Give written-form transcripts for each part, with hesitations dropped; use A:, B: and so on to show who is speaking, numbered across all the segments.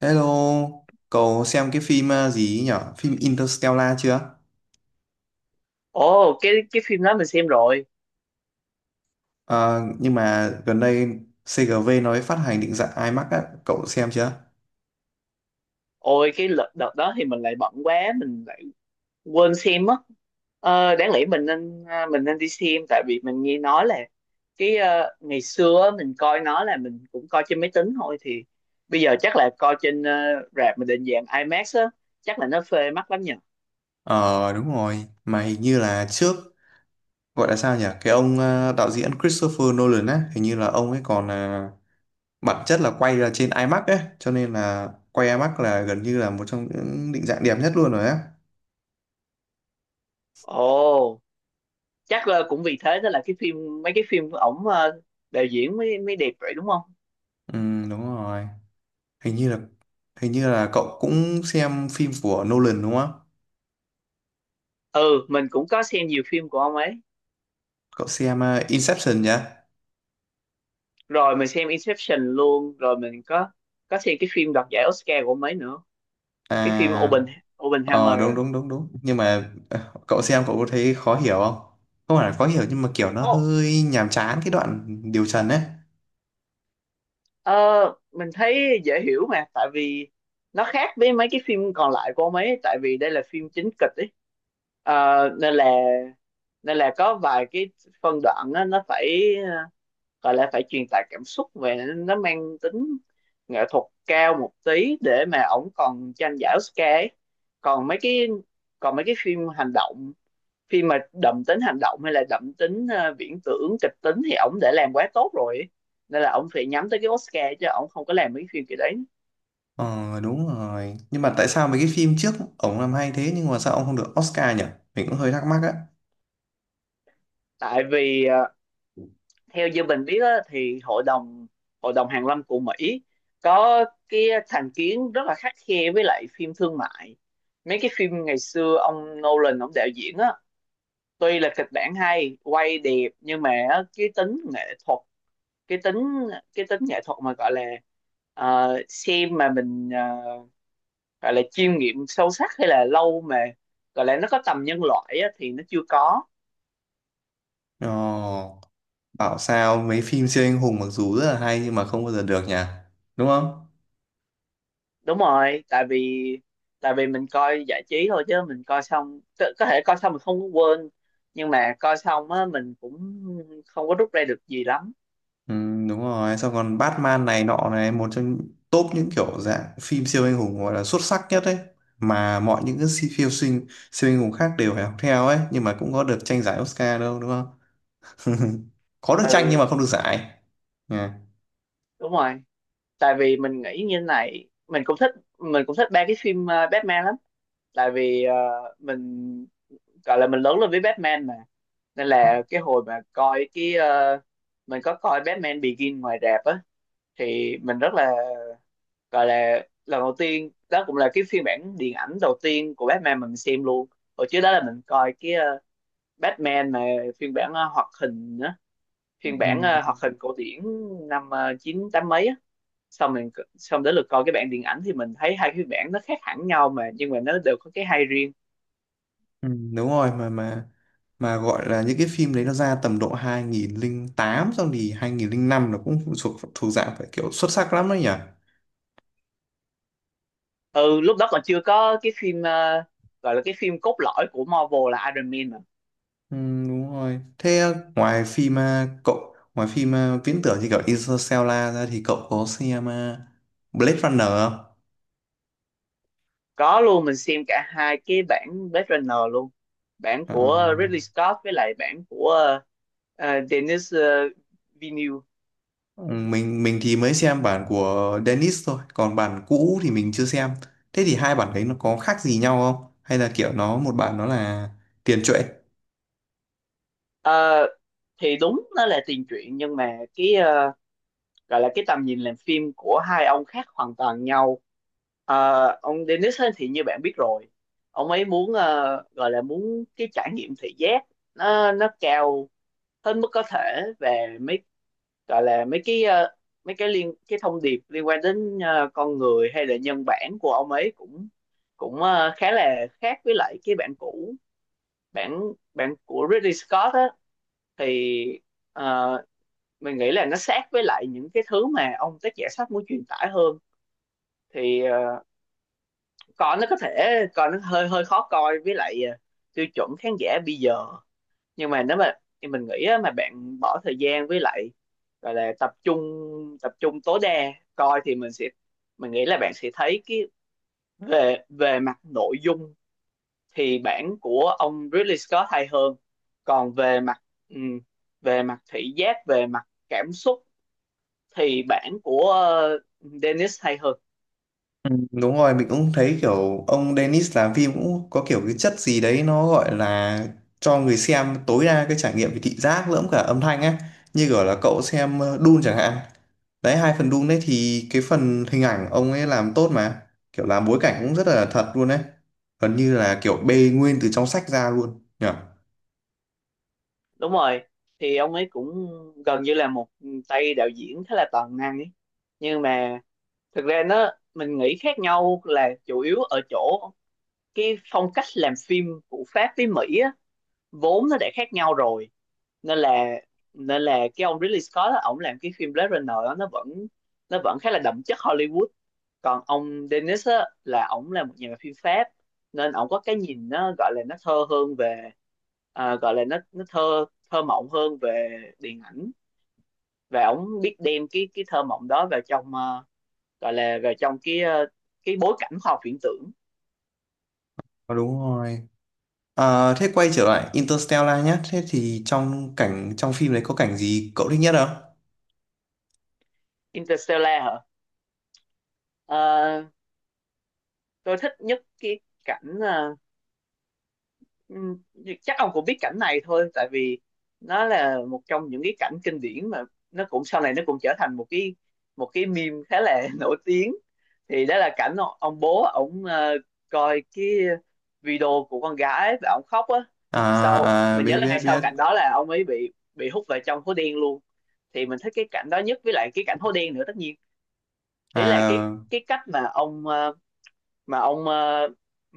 A: Hello, cậu xem cái phim gì ấy nhở? Phim Interstellar chưa?
B: Ồ, cái phim đó mình xem rồi.
A: Ờ, nhưng mà gần đây CGV nói phát hành định dạng IMAX á, cậu xem chưa?
B: Ôi, đợt đó thì mình lại bận quá, mình lại quên xem á. Ờ, đáng lẽ mình nên mình nên đi xem tại vì mình nghe nói là cái ngày xưa á, mình coi nó là mình cũng coi trên máy tính thôi, thì bây giờ chắc là coi trên rạp mà định dạng IMAX á, chắc là nó phê mắt lắm nhỉ.
A: Ờ đúng rồi, mà hình như là trước gọi là sao nhỉ? Cái ông đạo diễn Christopher Nolan á, hình như là ông ấy còn bản chất là quay ra trên IMAX ấy, cho nên là quay IMAX là gần như là một trong những định dạng đẹp nhất luôn rồi á.
B: Ồ, chắc là cũng vì thế đó là cái phim mấy cái phim của ổng đạo diễn mới mới đẹp vậy đúng không?
A: Ừ đúng rồi, hình như là hình như là cậu cũng xem phim của Nolan đúng không?
B: Ừ, mình cũng có xem nhiều phim của ông ấy.
A: Cậu xem Inception nhá.
B: Rồi mình xem Inception luôn, rồi mình có xem cái phim đoạt giải Oscar của mấy nữa, cái phim
A: À
B: Open Oppenheimer
A: ờ, đúng
B: á.
A: đúng đúng đúng nhưng mà cậu xem cậu có thấy khó hiểu không, không phải là khó hiểu nhưng mà kiểu nó
B: Ồ,
A: hơi nhàm chán cái đoạn điều trần ấy.
B: ờ, mình thấy dễ hiểu mà, tại vì nó khác với mấy cái phim còn lại của ông ấy, tại vì đây là phim chính kịch ấy. Ờ, nên là có vài cái phân đoạn á, nó phải gọi là phải truyền tải cảm xúc, về nó mang tính nghệ thuật cao một tí để mà ổng còn tranh giải Oscar ấy. Còn mấy cái còn mấy cái phim hành động, khi mà đậm tính hành động hay là đậm tính viễn tưởng kịch tính thì ổng đã làm quá tốt rồi, nên là ổng phải nhắm tới cái Oscar chứ ổng không có làm mấy phim kiểu đấy.
A: Ờ đúng rồi, nhưng mà tại sao mấy cái phim trước ổng làm hay thế nhưng mà sao ông không được Oscar nhỉ? Mình cũng hơi thắc mắc á.
B: Tại vì theo như mình biết á, thì hội đồng hàn lâm của Mỹ có cái thành kiến rất là khắt khe với lại phim thương mại. Mấy cái phim ngày xưa ông Nolan ông đạo diễn á, tuy là kịch bản hay, quay đẹp, nhưng mà á, cái tính nghệ thuật, cái tính cái tính nghệ thuật mà gọi là, xem mà mình gọi là chiêm nghiệm sâu sắc, hay là lâu mà gọi là nó có tầm nhân loại á, thì nó chưa có.
A: Ờ, bảo sao mấy phim siêu anh hùng mặc dù rất là hay nhưng mà không bao giờ được nhỉ, đúng không?
B: Đúng rồi, tại vì mình coi giải trí thôi, chứ mình coi xong có thể coi xong mình không có quên, nhưng mà coi xong á mình cũng không có rút ra được gì lắm.
A: Ừ, đúng rồi, xong còn Batman này nọ này, một trong top những kiểu dạng phim siêu anh hùng gọi là xuất sắc nhất ấy, mà mọi những cái siêu sinh, siêu anh hùng khác đều phải học theo ấy nhưng mà cũng có được tranh giải Oscar đâu đúng không? Có được tranh nhưng
B: Ừ,
A: mà không được giải. Nha.
B: đúng rồi, tại vì mình nghĩ như này, mình cũng thích ba cái phim Batman lắm. Tại vì ờ, mình gọi là mình lớn lên với Batman mà, nên là cái hồi mà coi cái mình có coi Batman Begin ngoài rạp á, thì mình rất là gọi là lần đầu tiên đó cũng là cái phiên bản điện ảnh đầu tiên của Batman mình xem luôn. Hồi trước đó là mình coi cái Batman mà phiên bản hoạt hình á, phiên
A: Ừ.
B: bản hoạt hình cổ điển năm chín tám mấy á. Xong mình, xong đến lượt coi cái bản điện ảnh thì mình thấy hai phiên bản nó khác hẳn nhau mà, nhưng mà nó đều có cái hay riêng.
A: Ừ, đúng rồi, mà gọi là những cái phim đấy nó ra tầm độ 2008 xong thì 2005 nó cũng thuộc thuộc dạng phải kiểu xuất sắc lắm đấy nhỉ.
B: Ừ, lúc đó còn chưa có cái phim gọi là cái phim cốt lõi của Marvel là Iron Man mà.
A: Ừ, đúng rồi. Thế ngoài phim à, cậu ngoài phim à, viễn tưởng như kiểu Interstellar ra thì cậu có xem à, Blade Runner không?
B: Có luôn, mình xem cả hai cái bản Blade Runner luôn, bản của
A: Ờ,
B: Ridley Scott với lại bản của Denis Villeneuve.
A: mình thì mới xem bản của Dennis thôi, còn bản cũ thì mình chưa xem. Thế thì hai bản đấy nó có khác gì nhau không? Hay là kiểu nó một bản nó là tiền truyện?
B: Ờ, thì đúng nó là tiền truyện, nhưng mà cái gọi là cái tầm nhìn làm phim của hai ông khác hoàn toàn nhau. Ờ, ông Denis ấy thì như bạn biết rồi, ông ấy muốn gọi là muốn cái trải nghiệm thị giác nó cao hết mức có thể về mấy gọi là mấy cái liên cái thông điệp liên quan đến con người hay là nhân bản của ông ấy, cũng cũng ờ, khá là khác với lại cái bản cũ. Bản bản của Ridley Scott á, thì ờ, mình nghĩ là nó sát với lại những cái thứ mà ông tác giả sách muốn truyền tải hơn. Thì còn nó có thể còn nó hơi hơi khó coi với lại tiêu chuẩn khán giả bây giờ, nhưng mà nếu mà thì mình nghĩ á, mà bạn bỏ thời gian với lại gọi là tập trung tối đa coi thì mình nghĩ là bạn sẽ thấy cái về về mặt nội dung thì bản của ông Ridley Scott hay hơn, còn ừm, về mặt thị giác, về mặt cảm xúc thì bản của Dennis hay hơn.
A: Ừ, đúng rồi, mình cũng thấy kiểu ông Dennis làm phim cũng có kiểu cái chất gì đấy nó gọi là cho người xem tối đa cái trải nghiệm về thị giác lẫn cả âm thanh á. Như kiểu là cậu xem Dune chẳng hạn. Đấy, hai phần Dune đấy thì cái phần hình ảnh ông ấy làm tốt mà. Kiểu làm bối cảnh cũng rất là thật luôn đấy. Gần như là kiểu bê nguyên từ trong sách ra luôn. Nhỉ?
B: Đúng rồi, thì ông ấy cũng gần như là một tay đạo diễn khá là toàn năng ấy, nhưng mà thực ra nó mình nghĩ khác nhau là chủ yếu ở chỗ cái phong cách làm phim của Pháp với Mỹ á, vốn nó đã khác nhau rồi, nên là nên là cái ông Ridley Scott á, ổng làm cái phim Blade Runner á, nó vẫn khá là đậm chất Hollywood. Còn ông Denis á, là ổng là một nhà làm phim Pháp, nên ổng có cái nhìn nó gọi là nó thơ hơn về gọi là nó thơ thơ mộng hơn về điện ảnh, và ổng biết đem cái thơ mộng đó vào trong gọi là về trong cái cái bối cảnh khoa học viễn tưởng.
A: Ờ, đúng rồi. À, thế quay trở lại Interstellar nhé. Thế thì trong cảnh trong phim đấy có cảnh gì cậu thích nhất không?
B: Interstellar hả? Ờ, tôi thích nhất cái cảnh Ừm, chắc ông cũng biết cảnh này thôi, tại vì nó là một trong những cái cảnh kinh điển mà nó cũng sau này nó cũng trở thành một cái meme khá là nổi tiếng. Thì đó là cảnh ông bố ổng coi cái video của con gái và ổng khóc á. Sau
A: À, à
B: mình nhớ
A: biết
B: là
A: biết
B: ngay sau
A: biết.
B: cảnh đó là ông ấy bị hút vào trong hố đen luôn. Thì mình thích cái cảnh đó nhất với lại cái cảnh hố đen nữa, tất nhiên. Ý là cái
A: À,
B: cái cách mà mà ông ờ,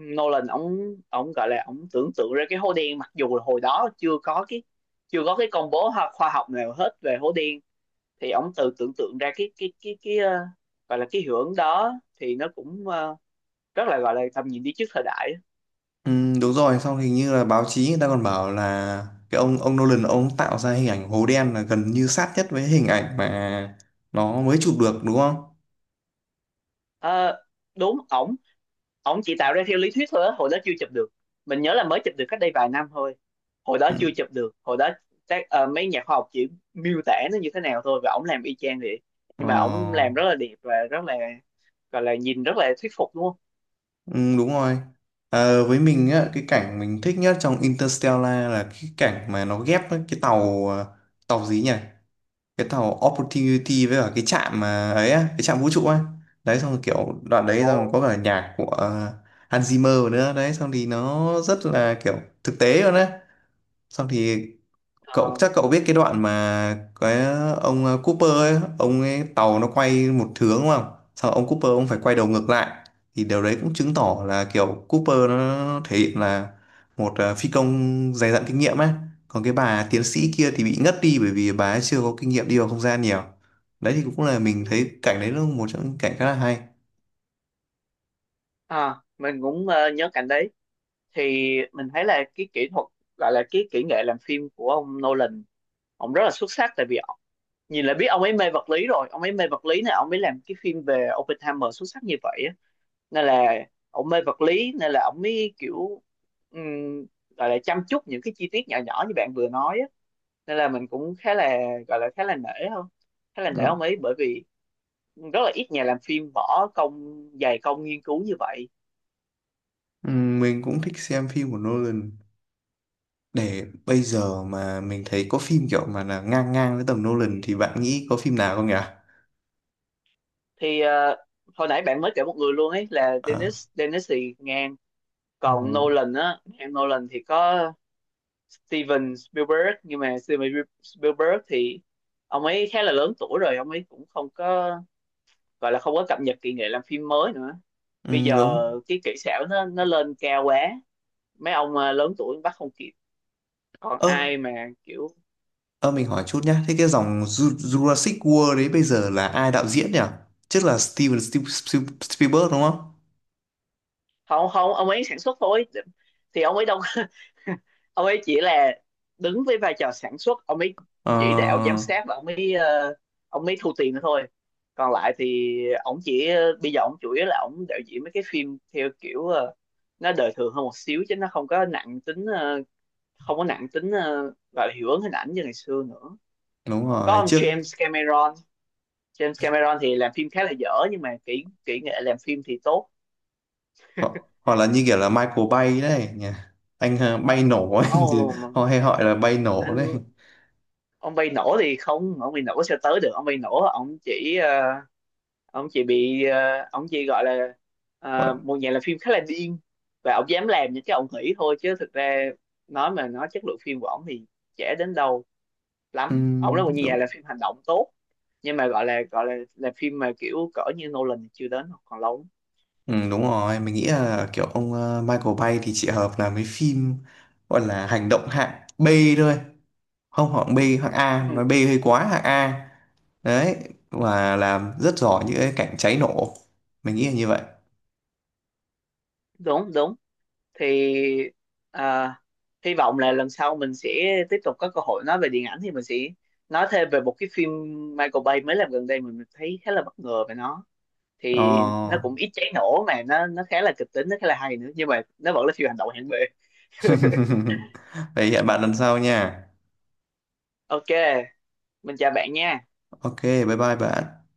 B: Nolan ông gọi là ông tưởng tượng ra cái hố đen, mặc dù là hồi đó chưa có cái công bố khoa học nào hết về hố đen. Thì ông tự tưởng tượng ra cái gọi là cái hiệu ứng đó, thì nó cũng rất là gọi là tầm nhìn đi trước thời đại.
A: đúng rồi, xong hình như là báo chí người ta còn bảo là cái ông Nolan ông tạo ra hình ảnh hố đen là gần như sát nhất với hình ảnh mà nó mới chụp được đúng không?
B: Ờ, đúng, ổng ổng chỉ tạo ra theo lý thuyết thôi á, hồi đó chưa chụp được. Mình nhớ là mới chụp được cách đây vài năm thôi, hồi đó
A: Ừ,
B: chưa chụp được. Hồi đó các mấy nhà khoa học chỉ miêu tả nó như thế nào thôi, và ổng làm y chang vậy. Nhưng mà ổng
A: ờ,
B: làm rất là đẹp và rất là gọi là nhìn rất là thuyết phục, đúng không?
A: đúng rồi. Ờ, với mình á, cái cảnh mình thích nhất trong Interstellar là cái cảnh mà nó ghép với cái tàu tàu gì nhỉ? Cái tàu Opportunity với cả cái trạm mà ấy á, cái trạm vũ trụ á, đấy xong rồi kiểu đoạn đấy xong
B: Ồ,
A: có cả nhạc của Hans Zimmer nữa, đấy xong thì nó rất là kiểu thực tế luôn á, xong thì cậu
B: ờ,
A: chắc cậu biết cái đoạn mà cái ông Cooper ấy, ông ấy tàu nó quay một hướng đúng không? Sau ông Cooper ông phải quay đầu ngược lại, thì điều đấy cũng chứng tỏ là kiểu Cooper nó thể hiện là một phi công dày dặn kinh nghiệm ấy. Còn cái bà tiến sĩ kia thì bị ngất đi bởi vì bà ấy chưa có kinh nghiệm đi vào không gian nhiều. Đấy thì cũng là mình thấy cảnh đấy là một trong những cảnh khá là hay.
B: à, mình cũng nhớ cảnh đấy. Thì mình thấy là cái kỹ thuật gọi là cái kỹ nghệ làm phim của ông Nolan, ông rất là xuất sắc, tại vì nhìn là biết ông ấy mê vật lý rồi, ông ấy mê vật lý này, ông ấy làm cái phim về Oppenheimer xuất sắc như vậy á. Nên là ông mê vật lý nên là ông mới kiểu um, gọi là chăm chút những cái chi tiết nhỏ nhỏ như bạn vừa nói á. Nên là mình cũng khá là gọi là khá là nể không khá là nể
A: Đó.
B: ông ấy, bởi vì rất là ít nhà làm phim bỏ công, dày công nghiên cứu như vậy.
A: Ừ, mình cũng thích xem phim của Nolan. Để bây giờ mà mình thấy có phim kiểu mà là ngang ngang với tầm Nolan thì bạn nghĩ có phim nào không nhỉ?
B: Thì hồi nãy bạn mới kể một người luôn ấy là
A: Ờ,
B: Dennis, Dennis thì ngang. Còn
A: ừ,
B: Nolan á, em Nolan thì có Steven Spielberg, nhưng mà Steven Spielberg thì ông ấy khá là lớn tuổi rồi, ông ấy cũng không có gọi là không có cập nhật kỹ nghệ làm phim mới nữa.
A: ừ,
B: Bây giờ
A: đúng.
B: cái kỹ xảo nó lên cao quá, mấy ông lớn tuổi bắt không kịp. Còn
A: Ơ,
B: ai mà kiểu,
A: ơ mình hỏi chút nhá. Thế cái dòng Jurassic World đấy bây giờ là ai đạo diễn nhỉ? Chắc là Steven Spielberg đúng không?
B: không không, ông ấy sản xuất thôi, thì ông ấy đâu, ông ấy chỉ là đứng với vai trò sản xuất, ông ấy chỉ đạo giám
A: Ờ,
B: sát, và ông ấy ông ấy thu tiền nữa thôi. Còn lại thì ông chỉ bây giờ ông chủ yếu là ông đạo diễn mấy cái phim theo kiểu nó đời thường hơn một xíu, chứ nó không có nặng tính không có nặng tính ờ, gọi là hiệu ứng hình ảnh như ngày xưa nữa.
A: đúng
B: Có
A: rồi.
B: ông
A: Trước
B: James Cameron, James Cameron thì làm phim khá là dở, nhưng mà kỹ kỹ nghệ làm phim thì tốt.
A: hoặc là như kiểu là Michael Bay đấy nhỉ. Anh bay nổ ấy, chứ
B: Oh,
A: họ hay gọi là bay nổ đấy.
B: anh, ông bay nổ thì không, ông bay nổ sẽ tới được. Ông bay nổ ông chỉ ông chỉ bị ờ, ông chỉ gọi là
A: Gọi-
B: một nhà làm phim khá là điên, và ông dám làm những cái ông nghĩ thôi, chứ thực ra nói mà nói chất lượng phim của ông thì trẻ đến đâu
A: Ừ,
B: lắm, ổng là một nhà
A: đúng.
B: làm phim hành động tốt, nhưng mà gọi là phim mà kiểu cỡ như Nolan thì chưa đến, còn lâu lắm.
A: Ừ, đúng rồi, mình nghĩ là kiểu ông Michael Bay thì chỉ hợp làm mấy phim gọi là hành động hạng B thôi. Không hạng B, hạng A,
B: Ừ,
A: nói B hơi quá hạng A. Đấy, và làm rất giỏi những cái cảnh cháy nổ. Mình nghĩ là như vậy.
B: đúng đúng, thì à, hy vọng là lần sau mình sẽ tiếp tục có cơ hội nói về điện ảnh, thì mình sẽ nói thêm về một cái phim Michael Bay mới làm gần đây, mình thấy khá là bất ngờ về nó. Thì nó
A: Ờ.
B: cũng ít cháy nổ, mà nó khá là kịch tính, nó khá là hay nữa, nhưng mà nó vẫn là phim hành động hạng B.
A: Vậy hẹn bạn lần sau nha.
B: OK, mình chào bạn nha.
A: Ok, bye bye bạn.